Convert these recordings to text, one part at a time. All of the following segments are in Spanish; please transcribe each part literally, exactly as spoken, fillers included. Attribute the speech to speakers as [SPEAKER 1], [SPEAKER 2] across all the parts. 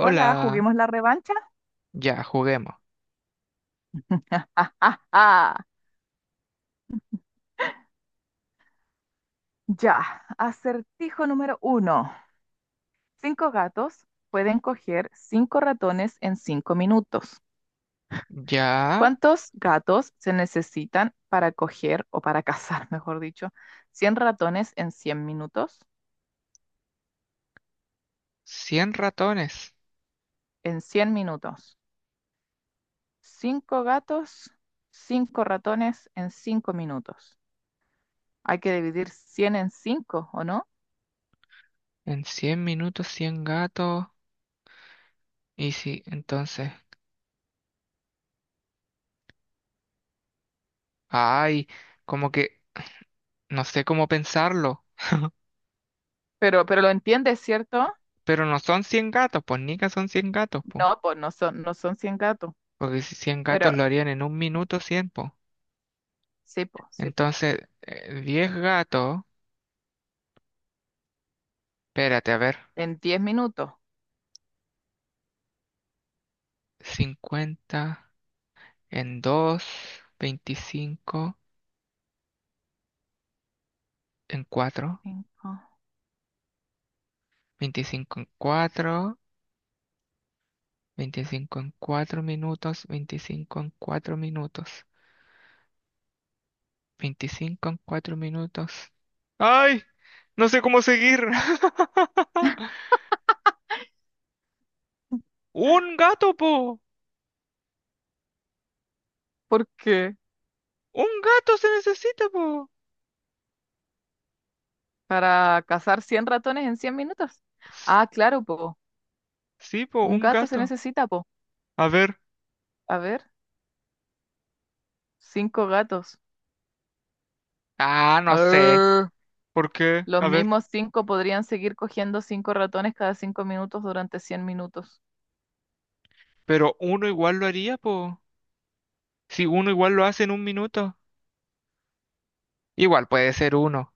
[SPEAKER 1] Hola, juguemos la revancha.
[SPEAKER 2] ya juguemos.
[SPEAKER 1] Ya, acertijo número uno. Cinco gatos pueden coger cinco ratones en cinco minutos.
[SPEAKER 2] Ya,
[SPEAKER 1] ¿Cuántos gatos se necesitan para coger o para cazar, mejor dicho, cien ratones en cien minutos?
[SPEAKER 2] cien ratones.
[SPEAKER 1] En cien minutos. Cinco gatos, cinco ratones en cinco minutos. Hay que dividir cien en cinco, ¿o no?
[SPEAKER 2] En cien minutos, cien gatos. Y sí, entonces. Ay, como que no sé cómo pensarlo.
[SPEAKER 1] Pero, pero lo entiendes, ¿cierto?
[SPEAKER 2] Pero no son cien gatos, pues Nica son cien gatos, pues.
[SPEAKER 1] No, pues no son, no son cien gatos.
[SPEAKER 2] Porque si cien gatos
[SPEAKER 1] Pero
[SPEAKER 2] lo harían en un minuto cien, pues.
[SPEAKER 1] sí, po, sí, po.
[SPEAKER 2] Entonces, eh, diez gatos. Espérate, a ver.
[SPEAKER 1] En diez minutos.
[SPEAKER 2] Cincuenta en dos, veinticinco en cuatro,
[SPEAKER 1] Cinco.
[SPEAKER 2] veinticinco en cuatro. Veinticinco en cuatro minutos, veinticinco en cuatro minutos, veinticinco en cuatro minutos. ¡Ay! No sé cómo seguir. ¡Un gato, po!
[SPEAKER 1] ¿Por qué?
[SPEAKER 2] ¡Un gato se necesita, po!
[SPEAKER 1] ¿Para cazar cien ratones en cien minutos?
[SPEAKER 2] S-
[SPEAKER 1] Ah, claro, po.
[SPEAKER 2] Sí, po,
[SPEAKER 1] Un
[SPEAKER 2] un
[SPEAKER 1] gato se
[SPEAKER 2] gato.
[SPEAKER 1] necesita, po.
[SPEAKER 2] A ver.
[SPEAKER 1] A ver, cinco gatos.
[SPEAKER 2] Ah, no sé.
[SPEAKER 1] Arr.
[SPEAKER 2] ¿Por qué?
[SPEAKER 1] Los
[SPEAKER 2] A ver.
[SPEAKER 1] mismos cinco podrían seguir cogiendo cinco ratones cada cinco minutos durante cien minutos.
[SPEAKER 2] Pero uno igual lo haría, po. Si uno igual lo hace en un minuto. Igual puede ser uno.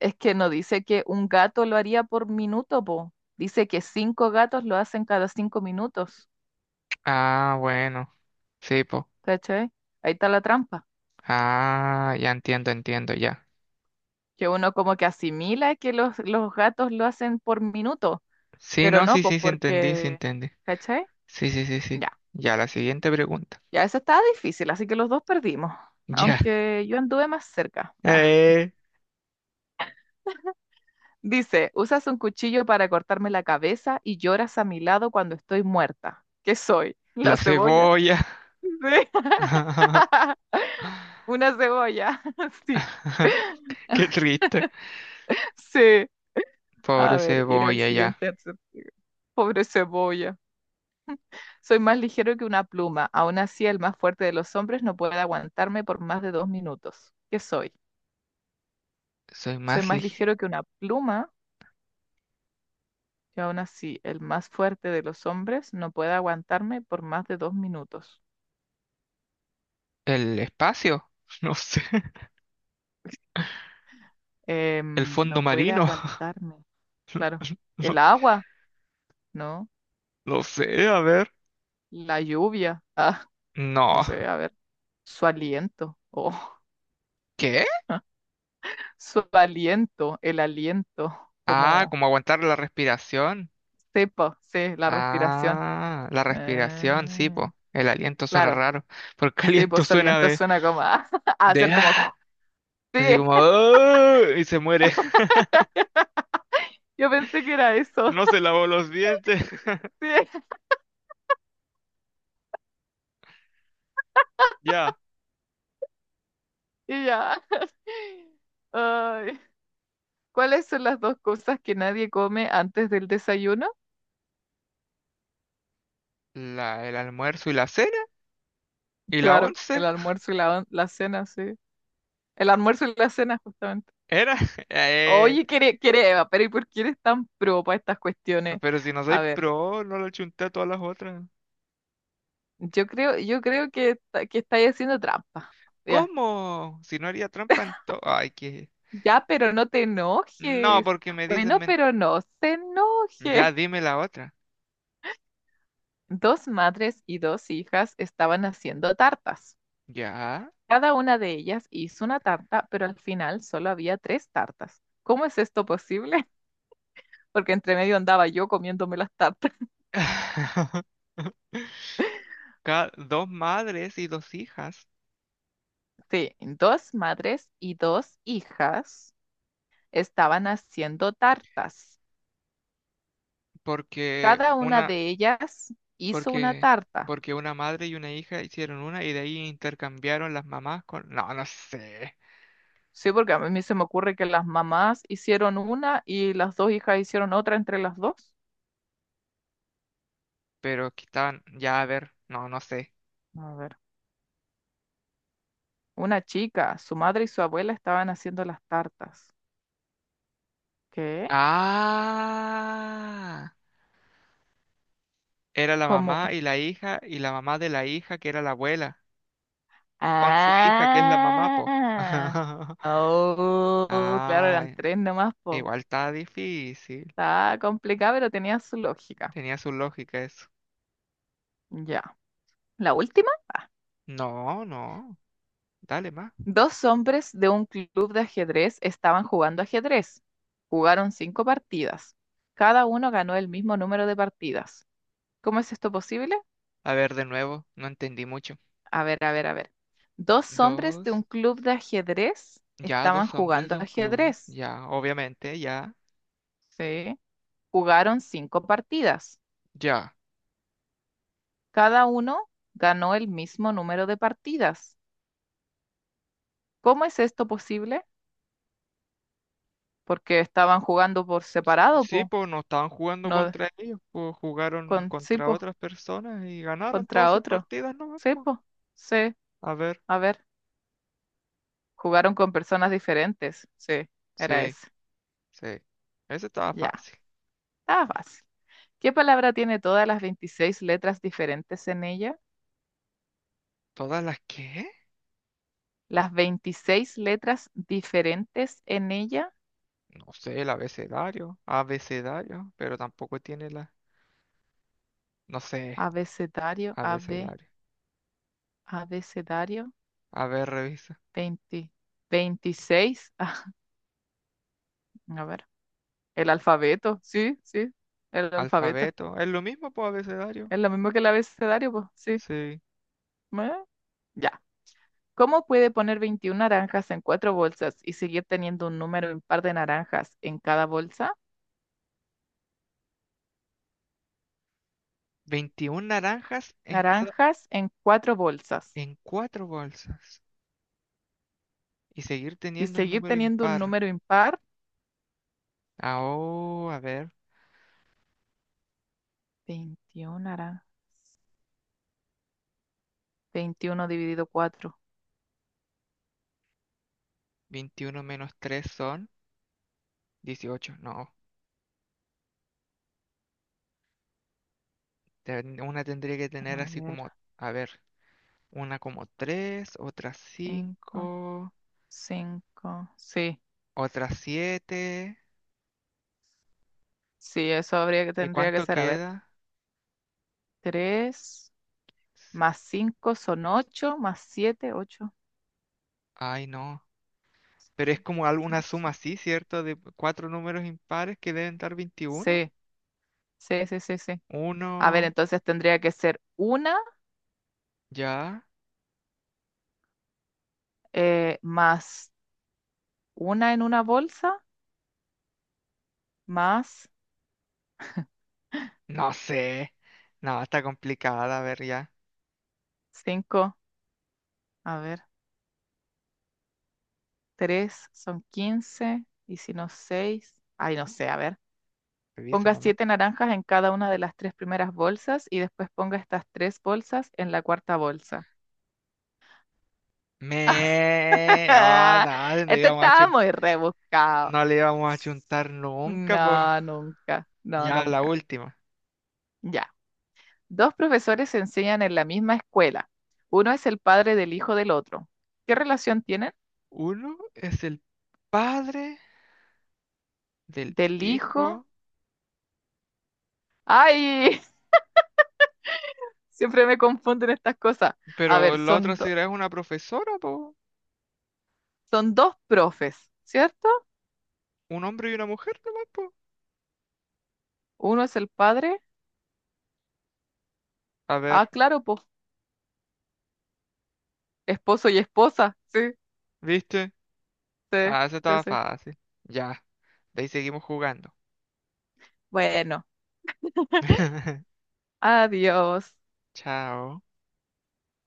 [SPEAKER 1] Es que no dice que un gato lo haría por minuto, po. Dice que cinco gatos lo hacen cada cinco minutos.
[SPEAKER 2] Ah, bueno. Sí, po.
[SPEAKER 1] ¿Cachai? Ahí está la trampa.
[SPEAKER 2] Ah, ya entiendo, entiendo, ya.
[SPEAKER 1] Que uno como que asimila que los, los gatos lo hacen por minuto,
[SPEAKER 2] Sí,
[SPEAKER 1] pero
[SPEAKER 2] no,
[SPEAKER 1] no,
[SPEAKER 2] sí,
[SPEAKER 1] pues
[SPEAKER 2] sí, sí, entendí, sí,
[SPEAKER 1] porque,
[SPEAKER 2] entendí.
[SPEAKER 1] ¿cachai?
[SPEAKER 2] Sí, sí, sí, sí.
[SPEAKER 1] Ya,
[SPEAKER 2] Ya, la siguiente pregunta.
[SPEAKER 1] ya eso estaba difícil, así que los dos perdimos,
[SPEAKER 2] Ya.
[SPEAKER 1] aunque yo anduve más cerca. Ah.
[SPEAKER 2] Eh,
[SPEAKER 1] Dice, usas un cuchillo para cortarme la cabeza y lloras a mi lado cuando estoy muerta. ¿Qué soy?
[SPEAKER 2] la
[SPEAKER 1] ¿La cebolla?
[SPEAKER 2] cebolla.
[SPEAKER 1] Sí, una cebolla. Sí,
[SPEAKER 2] Qué triste.
[SPEAKER 1] sí. A
[SPEAKER 2] Pobre
[SPEAKER 1] ver, ir al
[SPEAKER 2] cebolla, ya.
[SPEAKER 1] siguiente. Pobre cebolla. Soy más ligero que una pluma. Aún así, el más fuerte de los hombres no puede aguantarme por más de dos minutos. ¿Qué soy?
[SPEAKER 2] Soy
[SPEAKER 1] Soy
[SPEAKER 2] más
[SPEAKER 1] más
[SPEAKER 2] lige-
[SPEAKER 1] ligero que una pluma y aún así, el más fuerte de los hombres no puede aguantarme por más de dos minutos.
[SPEAKER 2] ¿El espacio? No sé. ¿El
[SPEAKER 1] Em, no
[SPEAKER 2] fondo
[SPEAKER 1] puede
[SPEAKER 2] marino?
[SPEAKER 1] aguantarme. Claro.
[SPEAKER 2] No,
[SPEAKER 1] El agua, ¿no?
[SPEAKER 2] no sé, a ver.
[SPEAKER 1] La lluvia. Ah, no
[SPEAKER 2] No.
[SPEAKER 1] sé, a ver. Su aliento. Oh,
[SPEAKER 2] ¿Qué?
[SPEAKER 1] su aliento, el aliento,
[SPEAKER 2] Ah,
[SPEAKER 1] como
[SPEAKER 2] como aguantar la respiración.
[SPEAKER 1] cepa, sí, la respiración.
[SPEAKER 2] Ah, la respiración, sí,
[SPEAKER 1] Eh,
[SPEAKER 2] po. El aliento suena
[SPEAKER 1] claro.
[SPEAKER 2] raro, porque
[SPEAKER 1] Sí,
[SPEAKER 2] aliento
[SPEAKER 1] pues
[SPEAKER 2] suena
[SPEAKER 1] soliento
[SPEAKER 2] de,
[SPEAKER 1] suena como a, a
[SPEAKER 2] de
[SPEAKER 1] hacer como.
[SPEAKER 2] ah. Así
[SPEAKER 1] Sí,
[SPEAKER 2] como, "Ah", y se muere.
[SPEAKER 1] yo pensé que era eso.
[SPEAKER 2] No se lavó los dientes.
[SPEAKER 1] Sí,
[SPEAKER 2] Ya,
[SPEAKER 1] y ya. ¡Ay! ¿Cuáles son las dos cosas que nadie come antes del desayuno?
[SPEAKER 2] la, el almuerzo y la cena. Y la
[SPEAKER 1] Claro, el
[SPEAKER 2] once.
[SPEAKER 1] almuerzo y la, la cena, sí. El almuerzo y la cena, justamente.
[SPEAKER 2] Era. eh,
[SPEAKER 1] Oye, quiere, quiere Eva, pero ¿y por qué eres tan pro para estas cuestiones?
[SPEAKER 2] pero si no soy
[SPEAKER 1] A ver,
[SPEAKER 2] pro, no lo chunté a todas las otras.
[SPEAKER 1] yo creo, yo creo que, esta- que estáis haciendo trampa. Ya,
[SPEAKER 2] ¿Cómo? Si no haría trampa en todo. Ay, que.
[SPEAKER 1] ya, pero no te
[SPEAKER 2] No,
[SPEAKER 1] enojes.
[SPEAKER 2] porque me dicen.
[SPEAKER 1] Bueno,
[SPEAKER 2] men-
[SPEAKER 1] pero no se
[SPEAKER 2] Ya
[SPEAKER 1] enoje.
[SPEAKER 2] dime la otra.
[SPEAKER 1] Dos madres y dos hijas estaban haciendo tartas.
[SPEAKER 2] Ya.
[SPEAKER 1] Cada una de ellas hizo una tarta, pero al final solo había tres tartas. ¿Cómo es esto posible? Porque entre medio andaba yo comiéndome las tartas.
[SPEAKER 2] Ca- dos madres y dos hijas.
[SPEAKER 1] Sí, dos madres y dos hijas estaban haciendo tartas.
[SPEAKER 2] Porque
[SPEAKER 1] Cada una
[SPEAKER 2] una.
[SPEAKER 1] de ellas hizo una
[SPEAKER 2] Porque,
[SPEAKER 1] tarta.
[SPEAKER 2] porque una madre y una hija hicieron una y de ahí intercambiaron las mamás con… No, no sé.
[SPEAKER 1] Sí, porque a mí se me ocurre que las mamás hicieron una y las dos hijas hicieron otra entre las dos.
[SPEAKER 2] Pero que estaban… Ya, a ver. No, no sé.
[SPEAKER 1] A ver. Una chica, su madre y su abuela estaban haciendo las tartas. ¿Qué?
[SPEAKER 2] Ah. Era la
[SPEAKER 1] ¿Cómo?
[SPEAKER 2] mamá y la hija y la mamá de la hija que era la abuela. Con su hija que es la mamá, po.
[SPEAKER 1] Ah, oh, claro, eran
[SPEAKER 2] Ah,
[SPEAKER 1] tres nomás, po.
[SPEAKER 2] igual está difícil.
[SPEAKER 1] Está complicado, pero tenía su lógica.
[SPEAKER 2] Tenía su lógica eso.
[SPEAKER 1] Ya. La última.
[SPEAKER 2] No, no. Dale más.
[SPEAKER 1] Dos hombres de un club de ajedrez estaban jugando ajedrez. Jugaron cinco partidas. Cada uno ganó el mismo número de partidas. ¿Cómo es esto posible?
[SPEAKER 2] A ver, de nuevo. No entendí mucho.
[SPEAKER 1] A ver, a ver, a ver. Dos hombres de un
[SPEAKER 2] Dos.
[SPEAKER 1] club de ajedrez
[SPEAKER 2] Ya,
[SPEAKER 1] estaban
[SPEAKER 2] dos hombres
[SPEAKER 1] jugando
[SPEAKER 2] de un club,
[SPEAKER 1] ajedrez.
[SPEAKER 2] ya, obviamente, ya,
[SPEAKER 1] Sí. Jugaron cinco partidas.
[SPEAKER 2] ya.
[SPEAKER 1] Cada uno ganó el mismo número de partidas. ¿Cómo es esto posible? Porque estaban jugando por
[SPEAKER 2] S-
[SPEAKER 1] separado,
[SPEAKER 2] Sí,
[SPEAKER 1] po.
[SPEAKER 2] pues no estaban jugando
[SPEAKER 1] No,
[SPEAKER 2] contra ellos, pues jugaron
[SPEAKER 1] con, sí,
[SPEAKER 2] contra
[SPEAKER 1] po,
[SPEAKER 2] otras personas y ganaron todas
[SPEAKER 1] contra
[SPEAKER 2] sus
[SPEAKER 1] otro.
[SPEAKER 2] partidas, ¿no?
[SPEAKER 1] Sí, po. Sí.
[SPEAKER 2] A ver,
[SPEAKER 1] A ver. Jugaron con personas diferentes. Sí, era
[SPEAKER 2] sí,
[SPEAKER 1] ese.
[SPEAKER 2] sí. Ese estaba
[SPEAKER 1] Ya.
[SPEAKER 2] fácil.
[SPEAKER 1] Estaba fácil. ¿Qué palabra tiene todas las veintiséis letras diferentes en ella?
[SPEAKER 2] ¿Todas las qué?
[SPEAKER 1] Las veintiséis letras diferentes en ella,
[SPEAKER 2] No sé, el abecedario, abecedario, pero tampoco tiene la, no sé,
[SPEAKER 1] abecedario, A B,
[SPEAKER 2] abecedario.
[SPEAKER 1] abecedario,
[SPEAKER 2] A ver, revisa.
[SPEAKER 1] veinte veintiséis ah, a ver, el alfabeto, sí, sí, el alfabeto,
[SPEAKER 2] Alfabeto, es lo mismo, pues abecedario.
[SPEAKER 1] es lo mismo que el abecedario, pues, sí,
[SPEAKER 2] Sí.
[SPEAKER 1] eh, ya. ¿Cómo puede poner veintiuna naranjas en cuatro bolsas y seguir teniendo un número impar de naranjas en cada bolsa?
[SPEAKER 2] veintiún naranjas en cada,
[SPEAKER 1] Naranjas en cuatro bolsas
[SPEAKER 2] en cuatro bolsas. Y seguir
[SPEAKER 1] y
[SPEAKER 2] teniendo un
[SPEAKER 1] seguir
[SPEAKER 2] número
[SPEAKER 1] teniendo un
[SPEAKER 2] impar.
[SPEAKER 1] número impar,
[SPEAKER 2] Ah, oh, a ver,
[SPEAKER 1] veintiuna naranjas. Veintiuno dividido cuatro.
[SPEAKER 2] veintiuno menos tres son dieciocho. No, ten- una tendría que tener
[SPEAKER 1] A
[SPEAKER 2] así
[SPEAKER 1] ver,
[SPEAKER 2] como, a ver, una como tres, otra
[SPEAKER 1] cinco,
[SPEAKER 2] cinco,
[SPEAKER 1] cinco, sí,
[SPEAKER 2] otra siete.
[SPEAKER 1] sí, eso habría que,
[SPEAKER 2] ¿Y
[SPEAKER 1] tendría que
[SPEAKER 2] cuánto
[SPEAKER 1] ser, a ver,
[SPEAKER 2] queda?
[SPEAKER 1] tres
[SPEAKER 2] S-
[SPEAKER 1] más cinco son ocho, más siete, ocho,
[SPEAKER 2] Ay, no. Pero es
[SPEAKER 1] quince,
[SPEAKER 2] como alguna
[SPEAKER 1] seis,
[SPEAKER 2] suma
[SPEAKER 1] siete.
[SPEAKER 2] así, ¿cierto? De cuatro números impares que deben dar veintiuno.
[SPEAKER 1] Sí, sí, sí, sí, sí. A ver,
[SPEAKER 2] Uno,
[SPEAKER 1] entonces tendría que ser una
[SPEAKER 2] ya.
[SPEAKER 1] eh, más una en una bolsa, más
[SPEAKER 2] No sé. No, está complicada. A ver, ya.
[SPEAKER 1] cinco, a ver, tres son quince, y si no seis, ay, no sé, a ver.
[SPEAKER 2] Revisa
[SPEAKER 1] Ponga
[SPEAKER 2] nomás.
[SPEAKER 1] siete naranjas en cada una de las tres primeras bolsas y después ponga estas tres bolsas en la cuarta bolsa.
[SPEAKER 2] Me, ah, nada, no
[SPEAKER 1] Este
[SPEAKER 2] íbamos a
[SPEAKER 1] estaba
[SPEAKER 2] chun-
[SPEAKER 1] muy rebuscado.
[SPEAKER 2] no le íbamos a chuntar nunca, po.
[SPEAKER 1] No, nunca, no,
[SPEAKER 2] Ya la
[SPEAKER 1] nunca.
[SPEAKER 2] última.
[SPEAKER 1] Ya. Dos profesores se enseñan en la misma escuela. Uno es el padre del hijo del otro. ¿Qué relación tienen?
[SPEAKER 2] Uno es el padre del
[SPEAKER 1] Del hijo.
[SPEAKER 2] hijo,
[SPEAKER 1] ¡Ay! Siempre me confunden estas cosas. A
[SPEAKER 2] pero
[SPEAKER 1] ver,
[SPEAKER 2] la otra
[SPEAKER 1] son, do-
[SPEAKER 2] será es una profesora, po.
[SPEAKER 1] son dos profes, ¿cierto?
[SPEAKER 2] Un hombre y una mujer nomás, po.
[SPEAKER 1] Uno es el padre.
[SPEAKER 2] A ver,
[SPEAKER 1] Ah, claro, pues esposo y esposa. Sí,
[SPEAKER 2] ¿viste?
[SPEAKER 1] sí,
[SPEAKER 2] Ah, eso
[SPEAKER 1] sí,
[SPEAKER 2] estaba
[SPEAKER 1] sí.
[SPEAKER 2] fácil. Ya. De ahí seguimos jugando.
[SPEAKER 1] Bueno, adiós.
[SPEAKER 2] Chao.